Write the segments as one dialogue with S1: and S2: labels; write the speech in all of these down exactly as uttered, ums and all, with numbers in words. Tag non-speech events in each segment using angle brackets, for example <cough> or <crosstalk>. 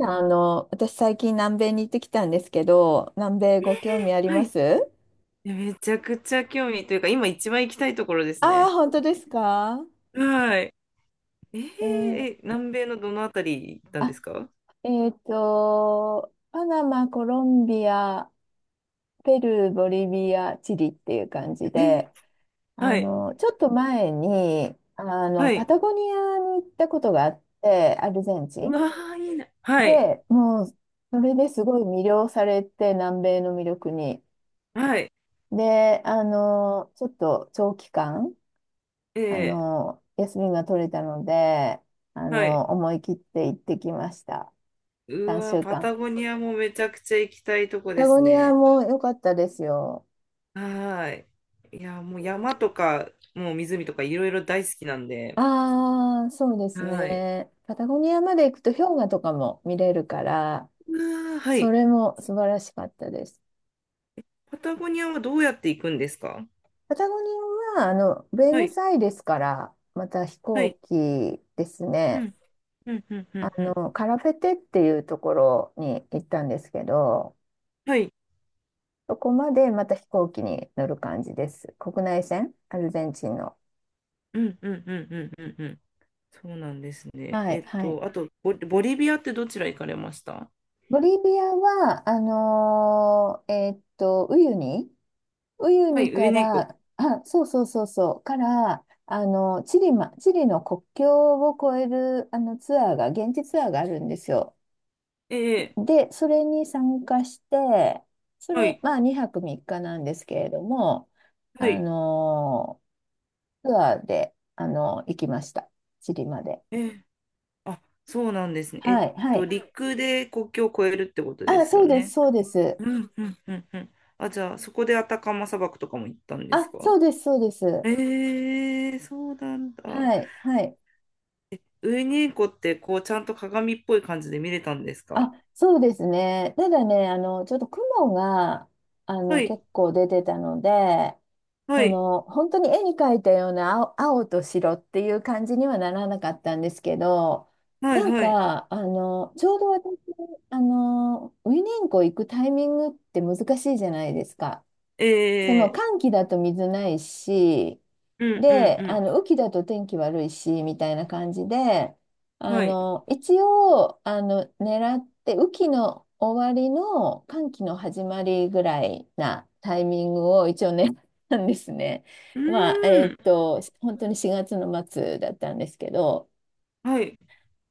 S1: あの、私最近南米に行ってきたんですけど、南米ご興味あり
S2: は
S1: ま
S2: い。い
S1: す？
S2: や、めちゃくちゃ興味というか、今一番行きたいところです
S1: ああー、
S2: ね。
S1: 本当ですか？
S2: はい。えー、
S1: えー、
S2: え南米のどのあたり行ったんで
S1: あ、
S2: すか？
S1: えっと、パナマ、コロンビア、ペルー、ボリビア、チリっていう感じ
S2: えー、
S1: で、あ
S2: はい。
S1: の、ちょっと前に、あの、
S2: は
S1: パ
S2: い。
S1: タゴニアに行ったことがあって、アルゼンチ
S2: う
S1: ン。
S2: わー、いいな。はい。
S1: で、もう、それですごい魅了されて、南米の魅力に。
S2: はい。
S1: で、あの、ちょっと長期間、あ
S2: え
S1: の、休みが取れたので、あ
S2: ー、はい。
S1: の、思い切って行ってきました。
S2: うわ
S1: 3
S2: ー、
S1: 週
S2: パタ
S1: 間。
S2: ゴニアもめちゃくちゃ行きたいと
S1: パ
S2: こで
S1: タゴ
S2: す
S1: ニア
S2: ね。
S1: も良かったですよ。
S2: はーい。いや、もう山とか、もう湖とかいろいろ大好きなんで。
S1: ああ、そうです
S2: はい。
S1: ね。パタゴニアまで行くと氷河とかも見れるから、
S2: うわー、は
S1: そ
S2: い。
S1: れも素晴らしかったです。
S2: パタゴニアはどうやって行くんですか？
S1: パタゴニアは、あの、ブエ
S2: は
S1: ノ
S2: い。
S1: スアイレスから、また飛
S2: はい。
S1: 行機です
S2: う
S1: ね。
S2: ん、うん、うん、う
S1: あ
S2: ん、うん。
S1: の、カラフェテっていうところに行ったんですけど、
S2: はい。
S1: そこまでまた飛行機に乗る感じです。国内線、アルゼンチンの。
S2: うんうんうんうんうんうん。そうなんですね。
S1: は
S2: え
S1: い、
S2: っ
S1: はい。
S2: と、あと、ボ、ボリビアってどちら行かれました？
S1: ボリビアは、あのーえーっと、ウユニ、ウユ
S2: は
S1: ニ
S2: い、
S1: か
S2: 上猫。
S1: ら、あ、そうそうそうそう、から、あの、チリま、チリの国境を越える、あの、ツアーが、現地ツアーがあるんですよ。
S2: ええ、
S1: で、それに参加して、そ
S2: は
S1: れ、
S2: い、
S1: まあ、にはくみっかなんですけれども、
S2: は
S1: あ
S2: い。
S1: のーツアーで、あの行きました。チリまで。
S2: ええ、あ、そうなんですね。え
S1: は
S2: っ
S1: い、は
S2: と、
S1: い。
S2: 陸で国境を越えるってことで
S1: あ、
S2: す
S1: そ
S2: よ
S1: うです、
S2: ね。
S1: そうです。
S2: うんうんうんうん。あ、じゃあ、そこでアタカマ砂漠とかも行ったんです
S1: あ、
S2: か？
S1: そうです、そうです。
S2: ええ、そうなんだ。
S1: はい、はい。
S2: ウユニーコって、こう、ちゃんと鏡っぽい感じで見れたんですか？
S1: あ、そうですね。ただね、あの、ちょっと雲が、あ
S2: は
S1: の、
S2: い、
S1: 結構出てたので、
S2: は
S1: そ
S2: い、
S1: の、本当に絵に描いたような青、青と白っていう感じにはならなかったんですけど、
S2: はい、
S1: なん
S2: はい。
S1: か、あの、ちょうど私、あの、ウィニンコ行くタイミングって難しいじゃないですか。
S2: え
S1: その
S2: え、
S1: 寒気だと水ないし、
S2: うんう
S1: で、
S2: ん
S1: あ
S2: う
S1: の雨季だと天気悪いし、みたいな感じで、
S2: ん。
S1: あ
S2: はい。
S1: の、一応、あの、狙って、雨季の終わりの寒気の始まりぐらいなタイミングを一応狙ったんですね。
S2: う
S1: まあ、え
S2: ー
S1: ーっ
S2: ん。
S1: と、本当にしがつの末だったんですけど、
S2: はい。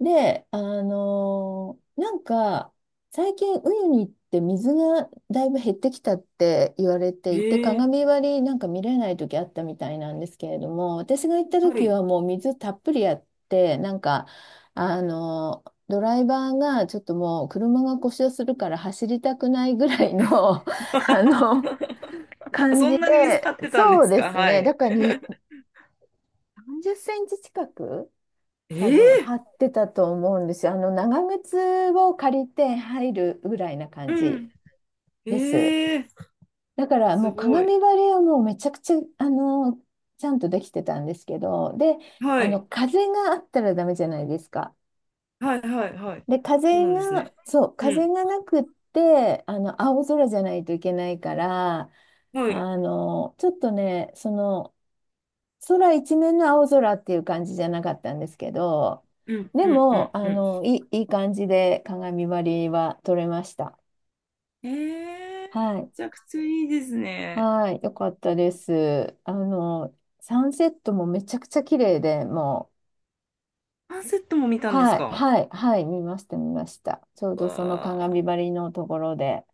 S1: で、あのーなんか、最近、ウユニって水がだいぶ減ってきたって言われていて、
S2: ええ、
S1: 鏡割りなんか見れない時あったみたいなんですけれども、私が行った
S2: は
S1: 時
S2: い。
S1: はもう水たっぷりあって、なんか、あのードライバーがちょっともう車が故障するから走りたくないぐらいの <laughs> あの、
S2: <laughs> あ、
S1: 感
S2: そ
S1: じ
S2: んなに水張
S1: で、
S2: ってたんで
S1: そう
S2: す
S1: で
S2: か？
S1: す
S2: は
S1: ね。だ
S2: い。
S1: からに、さんじゅっセンチ近く多
S2: え
S1: 分
S2: え、
S1: 張ってたと思うんですよ。あの長靴を借りて入るぐらいな感じ
S2: う
S1: です。
S2: ん。ええ、
S1: だから
S2: す
S1: もう
S2: ごい。
S1: 鏡張りはもうめちゃくちゃあのちゃんとできてたんですけど、で、
S2: は
S1: あの
S2: い。
S1: 風があったらダメじゃないですか。
S2: はいはいはい。
S1: で、
S2: そう
S1: 風
S2: なんです
S1: が、
S2: ね。
S1: そう、
S2: う
S1: 風
S2: ん。
S1: がなくって、あの青空じゃないといけないから、
S2: はい。
S1: あのちょっとね、その空一面の青空っていう感じじゃなかったんですけど、
S2: うん
S1: で
S2: うんうん
S1: も、あ
S2: うん。
S1: の、いい、いい感じで鏡張りは撮れました。
S2: ええ、
S1: は
S2: め
S1: い。
S2: ちゃくちゃいいですね。
S1: はい。よかったです。あの、サンセットもめちゃくちゃ綺麗で、もう、
S2: アンセットも見たんです
S1: はい、
S2: か？
S1: はい、はい、見ました、見ました。ちょうどその
S2: わ
S1: 鏡
S2: あ、
S1: 張りのところで、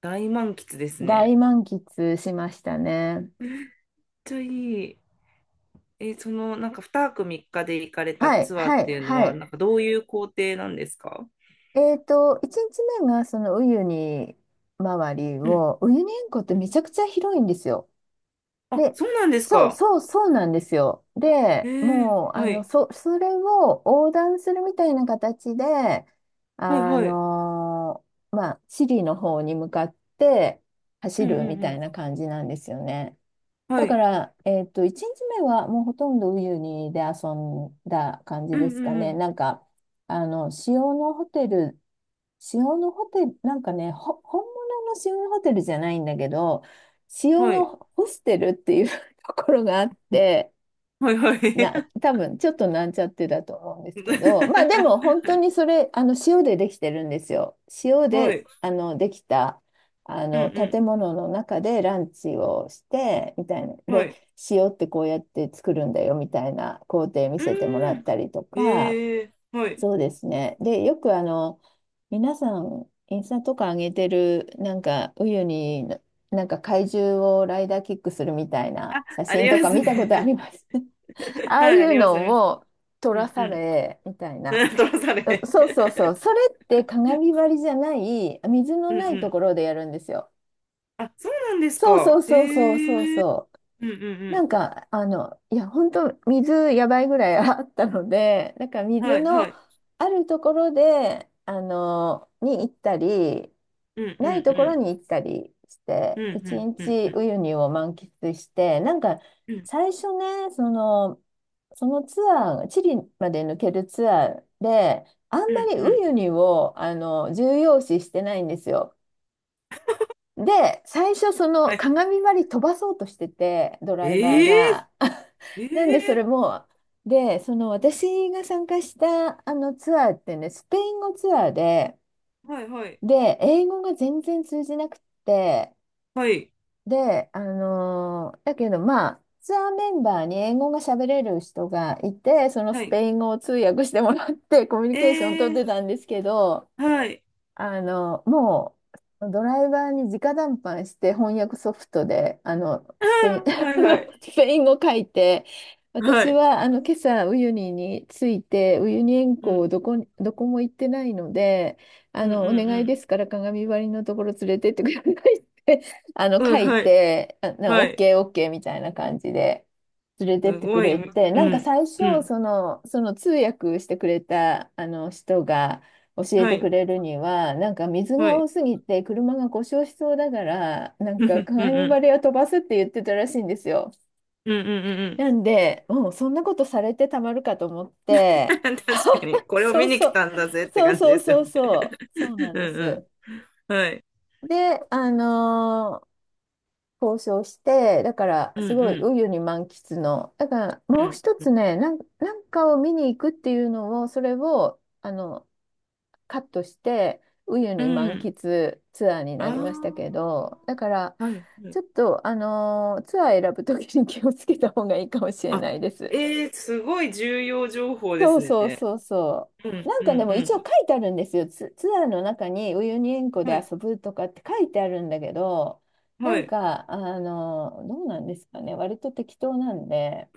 S2: 大満喫ですね。めっ
S1: 大満喫しましたね。
S2: ちゃいい。え、その、なんかにはくみっかで行かれた
S1: はい、
S2: ツアー
S1: は
S2: っ
S1: い、
S2: ていうの
S1: は
S2: は、
S1: い。
S2: なんかどういう行程なんですか？
S1: えっと、いちにちめがそのウユニ周り
S2: うん、
S1: を、ウユニ塩湖ってめちゃくちゃ広いんですよ。
S2: あ、
S1: で、
S2: そうなんです
S1: そう
S2: か。
S1: そうそうなんですよ。
S2: え
S1: で、
S2: え、
S1: もう、あ
S2: は
S1: の、
S2: い。
S1: そ、それを横断するみたいな形で、
S2: はい
S1: あ
S2: はい。
S1: のーまあ、チリの方に向かって
S2: う
S1: 走
S2: んう
S1: るみ
S2: んう
S1: たい
S2: ん。
S1: な感じなんですよね。
S2: は
S1: だか
S2: い。
S1: ら、えっと、いちにちめはもうほとんどウユニで遊んだ感じ
S2: うん
S1: です
S2: う
S1: か
S2: んう
S1: ね。
S2: ん。
S1: なんか、あの、塩のホテル塩のホテル、なんかね、ほ、本物の塩のホテルじゃないんだけど、塩
S2: は
S1: の
S2: い。
S1: ホステルっていう <laughs> ところがあって、
S2: はいは
S1: な、
S2: い。
S1: 多分ちょっとなんちゃってだと思うんですけど、まあでも本当に
S2: <laughs>
S1: それ、あの塩でできてるんですよ。塩
S2: は
S1: で、
S2: い。
S1: あの、できた、あ
S2: うん
S1: の、
S2: う
S1: 建物の中でランチをして、みたいな。
S2: ん。は
S1: で、
S2: い。
S1: 塩ってこうやって作るんだよ、みたいな工程見
S2: う
S1: せてもら
S2: ー
S1: っ
S2: ん。
S1: たりとか、
S2: ええ、はい。
S1: そうですね。で、よくあの、皆さん、インスタとか上げてる、なんか、ウユニの、なんか怪獣をライダーキックするみたいな
S2: あ、
S1: 写
S2: あ
S1: 真
S2: り
S1: と
S2: ま
S1: か
S2: す
S1: 見
S2: ね。
S1: たことあります？<laughs>
S2: <laughs>
S1: ああ
S2: は
S1: い
S2: い、あ
S1: う
S2: ります、あります。
S1: のを撮
S2: う
S1: ら
S2: んう
S1: さ
S2: ん。
S1: れ、みたいな。
S2: <laughs> トロサ
S1: う
S2: レ。
S1: そうそうそう。そ
S2: <laughs>
S1: れって鏡張りじゃない、水の
S2: うんう
S1: ないと
S2: ん。
S1: ころでやるんですよ。
S2: あ、そうなんです
S1: そうそ
S2: か。
S1: うそうそうそう
S2: へえ。
S1: そ
S2: うんう
S1: う。な
S2: ん
S1: んか、あの、いや、本当水やばいぐらい <laughs> あったので、なんか
S2: うん。
S1: 水
S2: はいは
S1: の
S2: い。
S1: あるところで、あの、に行ったり、
S2: うんう
S1: ないところに
S2: ん
S1: 行ったりし
S2: う
S1: て、
S2: ん。
S1: 一
S2: うんうんうんう
S1: 日ウ
S2: ん。
S1: ユニを満喫して、なんか、
S2: うん
S1: 最初ね、その、そのツアー、チリまで抜けるツアーで、あんま
S2: うん
S1: り
S2: う
S1: ウ
S2: ん。
S1: ユニを、あの、重要視してないんですよ。で、最初その
S2: はい。
S1: 鏡張り飛ばそうとしてて、ドライバー
S2: え
S1: が。<laughs>
S2: え
S1: なんでそれ
S2: ええ
S1: も、で、その私が参加したあのツアーってね、スペイン語ツアーで、
S2: はいはい。
S1: で、英語が全然通じなくって、
S2: はい。
S1: で、あのーだけどまあ、ツアーメンバーに英語が喋れる人がいて、その
S2: は
S1: ス
S2: い。
S1: ペイン語を通訳してもらってコミュニケーションを取っ
S2: え
S1: て
S2: え、
S1: たんですけど、
S2: はい。
S1: あの、もう、ドライバーに直談判して翻訳ソフトで、あの、
S2: あ
S1: スペイン、
S2: ー、は
S1: <laughs> あ
S2: いは
S1: の、
S2: い。
S1: スペイン語書いて、
S2: は
S1: 私
S2: い。
S1: は、あの、今朝、ウユニに着いて、ウユニ塩
S2: うん。
S1: 湖どこに、どこも行ってないので、あ
S2: うんう
S1: の、お願いで
S2: ん
S1: すから鏡張りのところ連れてってくださいって、<laughs> あの、
S2: うん。う
S1: 書
S2: ん、
S1: い
S2: はい。
S1: て、あ、な OK、
S2: は
S1: オッ
S2: い。
S1: ケーオッケーみたいな感じで連れてっ
S2: す
S1: てく
S2: ごい。
S1: れ
S2: う
S1: て、なんか
S2: ん。
S1: 最
S2: う
S1: 初、
S2: ん。
S1: その、その通訳してくれた、あの、人が、教え
S2: は
S1: てく
S2: い。
S1: れるには、なんか水
S2: は
S1: が
S2: い。
S1: 多すぎて車が故障しそうだから、な
S2: <laughs>
S1: ん
S2: う
S1: か
S2: んうん
S1: 鏡
S2: う
S1: 張
S2: ん。
S1: りを飛ばすって言ってたらしいんですよ。
S2: うんうんうんうん。
S1: なんで、もうそんなことされてたまるかと思っ
S2: <laughs>
S1: て、
S2: 確かに、
S1: <laughs>
S2: これを
S1: そ
S2: 見
S1: う
S2: に
S1: そ
S2: 来
S1: う、
S2: たんだぜって
S1: そう
S2: 感じ
S1: そ
S2: で
S1: う
S2: すよ
S1: そ
S2: ね。
S1: うそう、そうな
S2: <laughs>
S1: ん
S2: う
S1: で
S2: ん
S1: す。
S2: うん。はい。
S1: で、あのー交渉して、だから
S2: うんう
S1: すごい
S2: ん。
S1: ウユに満喫の、だから
S2: う
S1: もう
S2: ん
S1: 一
S2: う
S1: つ
S2: ん。
S1: ね、なん、なんかを見に行くっていうのを、それを、あの、カットして、ウユ
S2: う
S1: ニ満
S2: ん。
S1: 喫ツアーになりましたけ
S2: あ
S1: ど、だから、
S2: あ、はいはい。
S1: ちょっと、あのーツアー選ぶときに気をつけた方がいいかもしれ
S2: あ、
S1: ないです。
S2: ええ、すごい重要情報で
S1: そ
S2: す
S1: うそう
S2: ね。
S1: そうそ
S2: う
S1: う。
S2: ん
S1: なん
S2: うんう
S1: かでも一応書
S2: ん。
S1: いてあるんですよ。ツ、ツアーの中にウユニ塩湖で
S2: はい。
S1: 遊ぶとかって書いてあるんだけど、な
S2: は
S1: ん
S2: い。
S1: か、あの、どうなんですかね。割と適当なんで、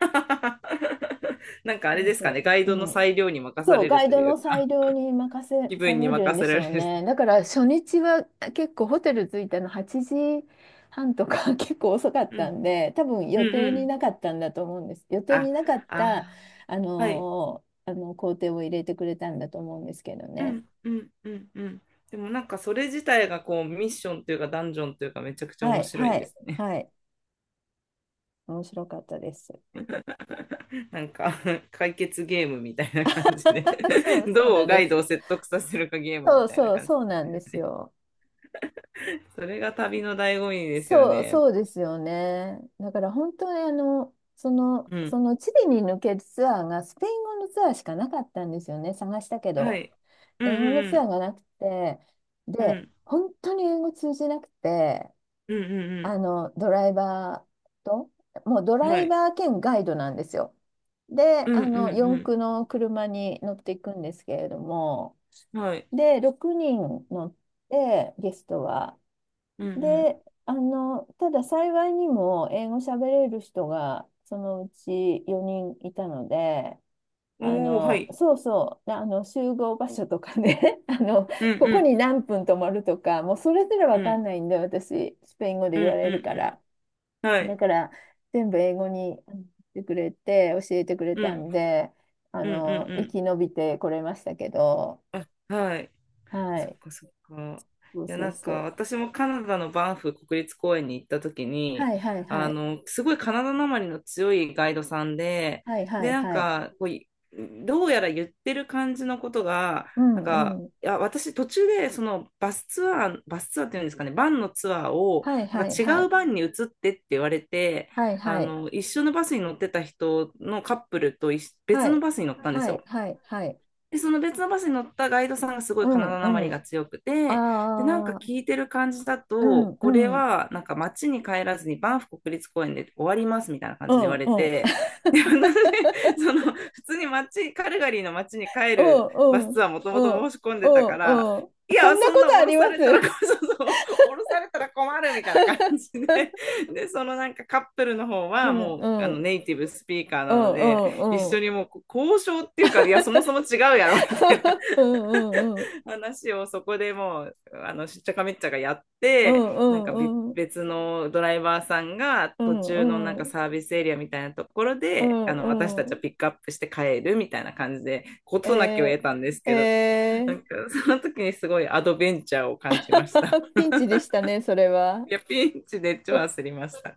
S2: <laughs> なんかあれ
S1: そう
S2: ですかね、
S1: そ
S2: ガイ
S1: う。
S2: ドの
S1: うん
S2: 裁量に任さ
S1: そう、
S2: れ
S1: ガ
S2: る
S1: イ
S2: と
S1: ド
S2: いう
S1: の裁
S2: か、
S1: 量に任せ
S2: 気
S1: さ
S2: 分に
S1: れるん
S2: 任
S1: で
S2: せ
S1: し
S2: られ
S1: ょう
S2: る。
S1: ね。だから初日は結構ホテル着いたのはちじはんとか <laughs> 結構遅かっ
S2: う
S1: た
S2: ん。
S1: んで、多分
S2: う
S1: 予
S2: ん
S1: 定
S2: う
S1: に
S2: ん。
S1: なかったんだと思うんです。予定
S2: あ、
S1: になかった、
S2: あ、
S1: あ
S2: はい。
S1: のーあの工程を入れてくれたんだと思うんですけど
S2: う
S1: ね。
S2: んうんうんうん。でもなんかそれ自体がこうミッションというかダンジョンというかめちゃくちゃ
S1: は
S2: 面
S1: い、
S2: 白い
S1: は
S2: で
S1: い、
S2: すね。
S1: はい。面白かったです。
S2: <laughs> なんか解決ゲームみたいな感じで
S1: <laughs> そう、
S2: <laughs>
S1: そう
S2: ど
S1: な
S2: う
S1: ん
S2: ガ
S1: で
S2: イ
S1: す。
S2: ドを説得させるかゲーム
S1: そ
S2: み
S1: う
S2: たいな
S1: そう、
S2: 感じ。
S1: そうなんですよ。
S2: それが旅の醍醐味ですよ
S1: そう、
S2: ね。
S1: そうですよね。だから本当にあの、その、
S2: う
S1: そ
S2: ん。
S1: のチリに抜けるツアーがスペイン語のツアーしかなかったんですよね、探したけ
S2: は
S1: ど。
S2: い。うん
S1: 英語の
S2: う
S1: ツア
S2: ん
S1: ーがなくて、
S2: う
S1: で、
S2: ん。
S1: 本当に英語通じなくて、
S2: うんうんう
S1: あ
S2: ん
S1: の、ドライバーと、もうド
S2: うん。
S1: ラ
S2: は
S1: イ
S2: い。
S1: バー兼ガイドなんですよ。で、
S2: うんう
S1: あの、四
S2: ん
S1: 駆の車に乗っていくんですけれども、
S2: うん。はい。
S1: で、ろくにん乗って、ゲストは。
S2: うん
S1: で、あの、ただ幸いにも英語喋れる人がそのうちよにんいたので、
S2: う
S1: あ
S2: ん。おー、は
S1: の、
S2: い。
S1: そうそう、あの、集合場所とかね、<laughs> あの、
S2: うん
S1: こ
S2: う
S1: こ
S2: ん
S1: に何分泊まるとか、もうそれすらわ
S2: う
S1: か
S2: ん。
S1: んないんで、私、スペイン語で
S2: う
S1: 言わ
S2: んう
S1: れるか
S2: ん
S1: ら。
S2: うん。はい。
S1: だから、全部英語にあの言ってくれて、教えてくれ
S2: う
S1: た
S2: ん
S1: んで、あ
S2: うんうん
S1: の、
S2: う
S1: 生
S2: ん。
S1: き延びてこれましたけど、
S2: あ、はい。
S1: は
S2: そっ
S1: い、
S2: かそっか。
S1: そう
S2: いや、
S1: そ
S2: な
S1: う
S2: んか
S1: そう。
S2: 私もカナダのバンフ国立公園に行った時に、
S1: はいはいは
S2: あ
S1: い。
S2: の、すごいカナダなまりの強いガイドさんで、
S1: はいは
S2: で、
S1: い
S2: なん
S1: はい。
S2: かこうい、どうやら言ってる感じのことが、
S1: う
S2: なん
S1: ん
S2: か、
S1: うん
S2: いや、私途中でそのバスツアー、バスツアーっていうんですかね、バンのツアーを、
S1: はい
S2: な
S1: は
S2: んか
S1: い
S2: 違
S1: は
S2: う
S1: い。
S2: バンに移ってって言われて、
S1: はい
S2: あ
S1: はい。
S2: の、一緒のバスに乗ってた人のカップルと一緒
S1: は
S2: 別の
S1: い。
S2: バスに乗ったんです
S1: は
S2: よ。
S1: いはいはい。
S2: で、その別のバスに乗ったガイドさんがすご
S1: う
S2: いカナ
S1: ん
S2: ダなま
S1: う
S2: りが
S1: ん。
S2: 強くて、で、なんか
S1: ああ、
S2: 聞いてる感じだ
S1: う
S2: と、
S1: ん
S2: これ
S1: うん。
S2: はなんか街に帰らずにバンフ国立公園で終わりますみたいな感
S1: う
S2: じで言わ
S1: ん
S2: れ
S1: うん。
S2: て、
S1: <laughs>
S2: で、私、その普通に街、カルガリーの街に帰
S1: う
S2: るバス
S1: んう
S2: ツ
S1: ん。
S2: アーもと
S1: う
S2: もと
S1: ん
S2: 申し込ん
S1: う
S2: でたから、
S1: んうん。
S2: い
S1: そん
S2: や、
S1: な
S2: そん
S1: こ
S2: な
S1: と
S2: 降
S1: あ
S2: ろ
S1: りま
S2: さ
S1: す？
S2: れたら、
S1: <laughs>
S2: <laughs> そうそう、降ろされたら困るみたいな感じで、で、そのなんかカップルの方
S1: う
S2: は
S1: ん
S2: もうあ
S1: う
S2: の
S1: ん。
S2: ネイティブスピーカー
S1: う
S2: なの
S1: んう
S2: で、一
S1: んうん。
S2: 緒にもう交渉っていうか、いや、そもそも違うやろ <laughs>、
S1: <laughs> うんうんうん。
S2: 話をそこでもう、あの、しっちゃかめっちゃがやっ
S1: う
S2: て、
S1: んう
S2: なんか別
S1: んうん。
S2: 別のドライバーさんが
S1: う
S2: 途中のなん
S1: んう
S2: か
S1: ん。
S2: サービスエリアみたいなところ
S1: う
S2: で、あの、私
S1: ん
S2: たち
S1: う
S2: は
S1: ん。
S2: ピックアップして帰るみたいな感じで、事なきを
S1: え
S2: 得たんです
S1: ー、
S2: けど、な
S1: え
S2: んか
S1: ー、
S2: その時にすごいアドベンチャーを感じました。
S1: <laughs> ピンチでしたね、それは。
S2: いや、ピンチで超焦りました。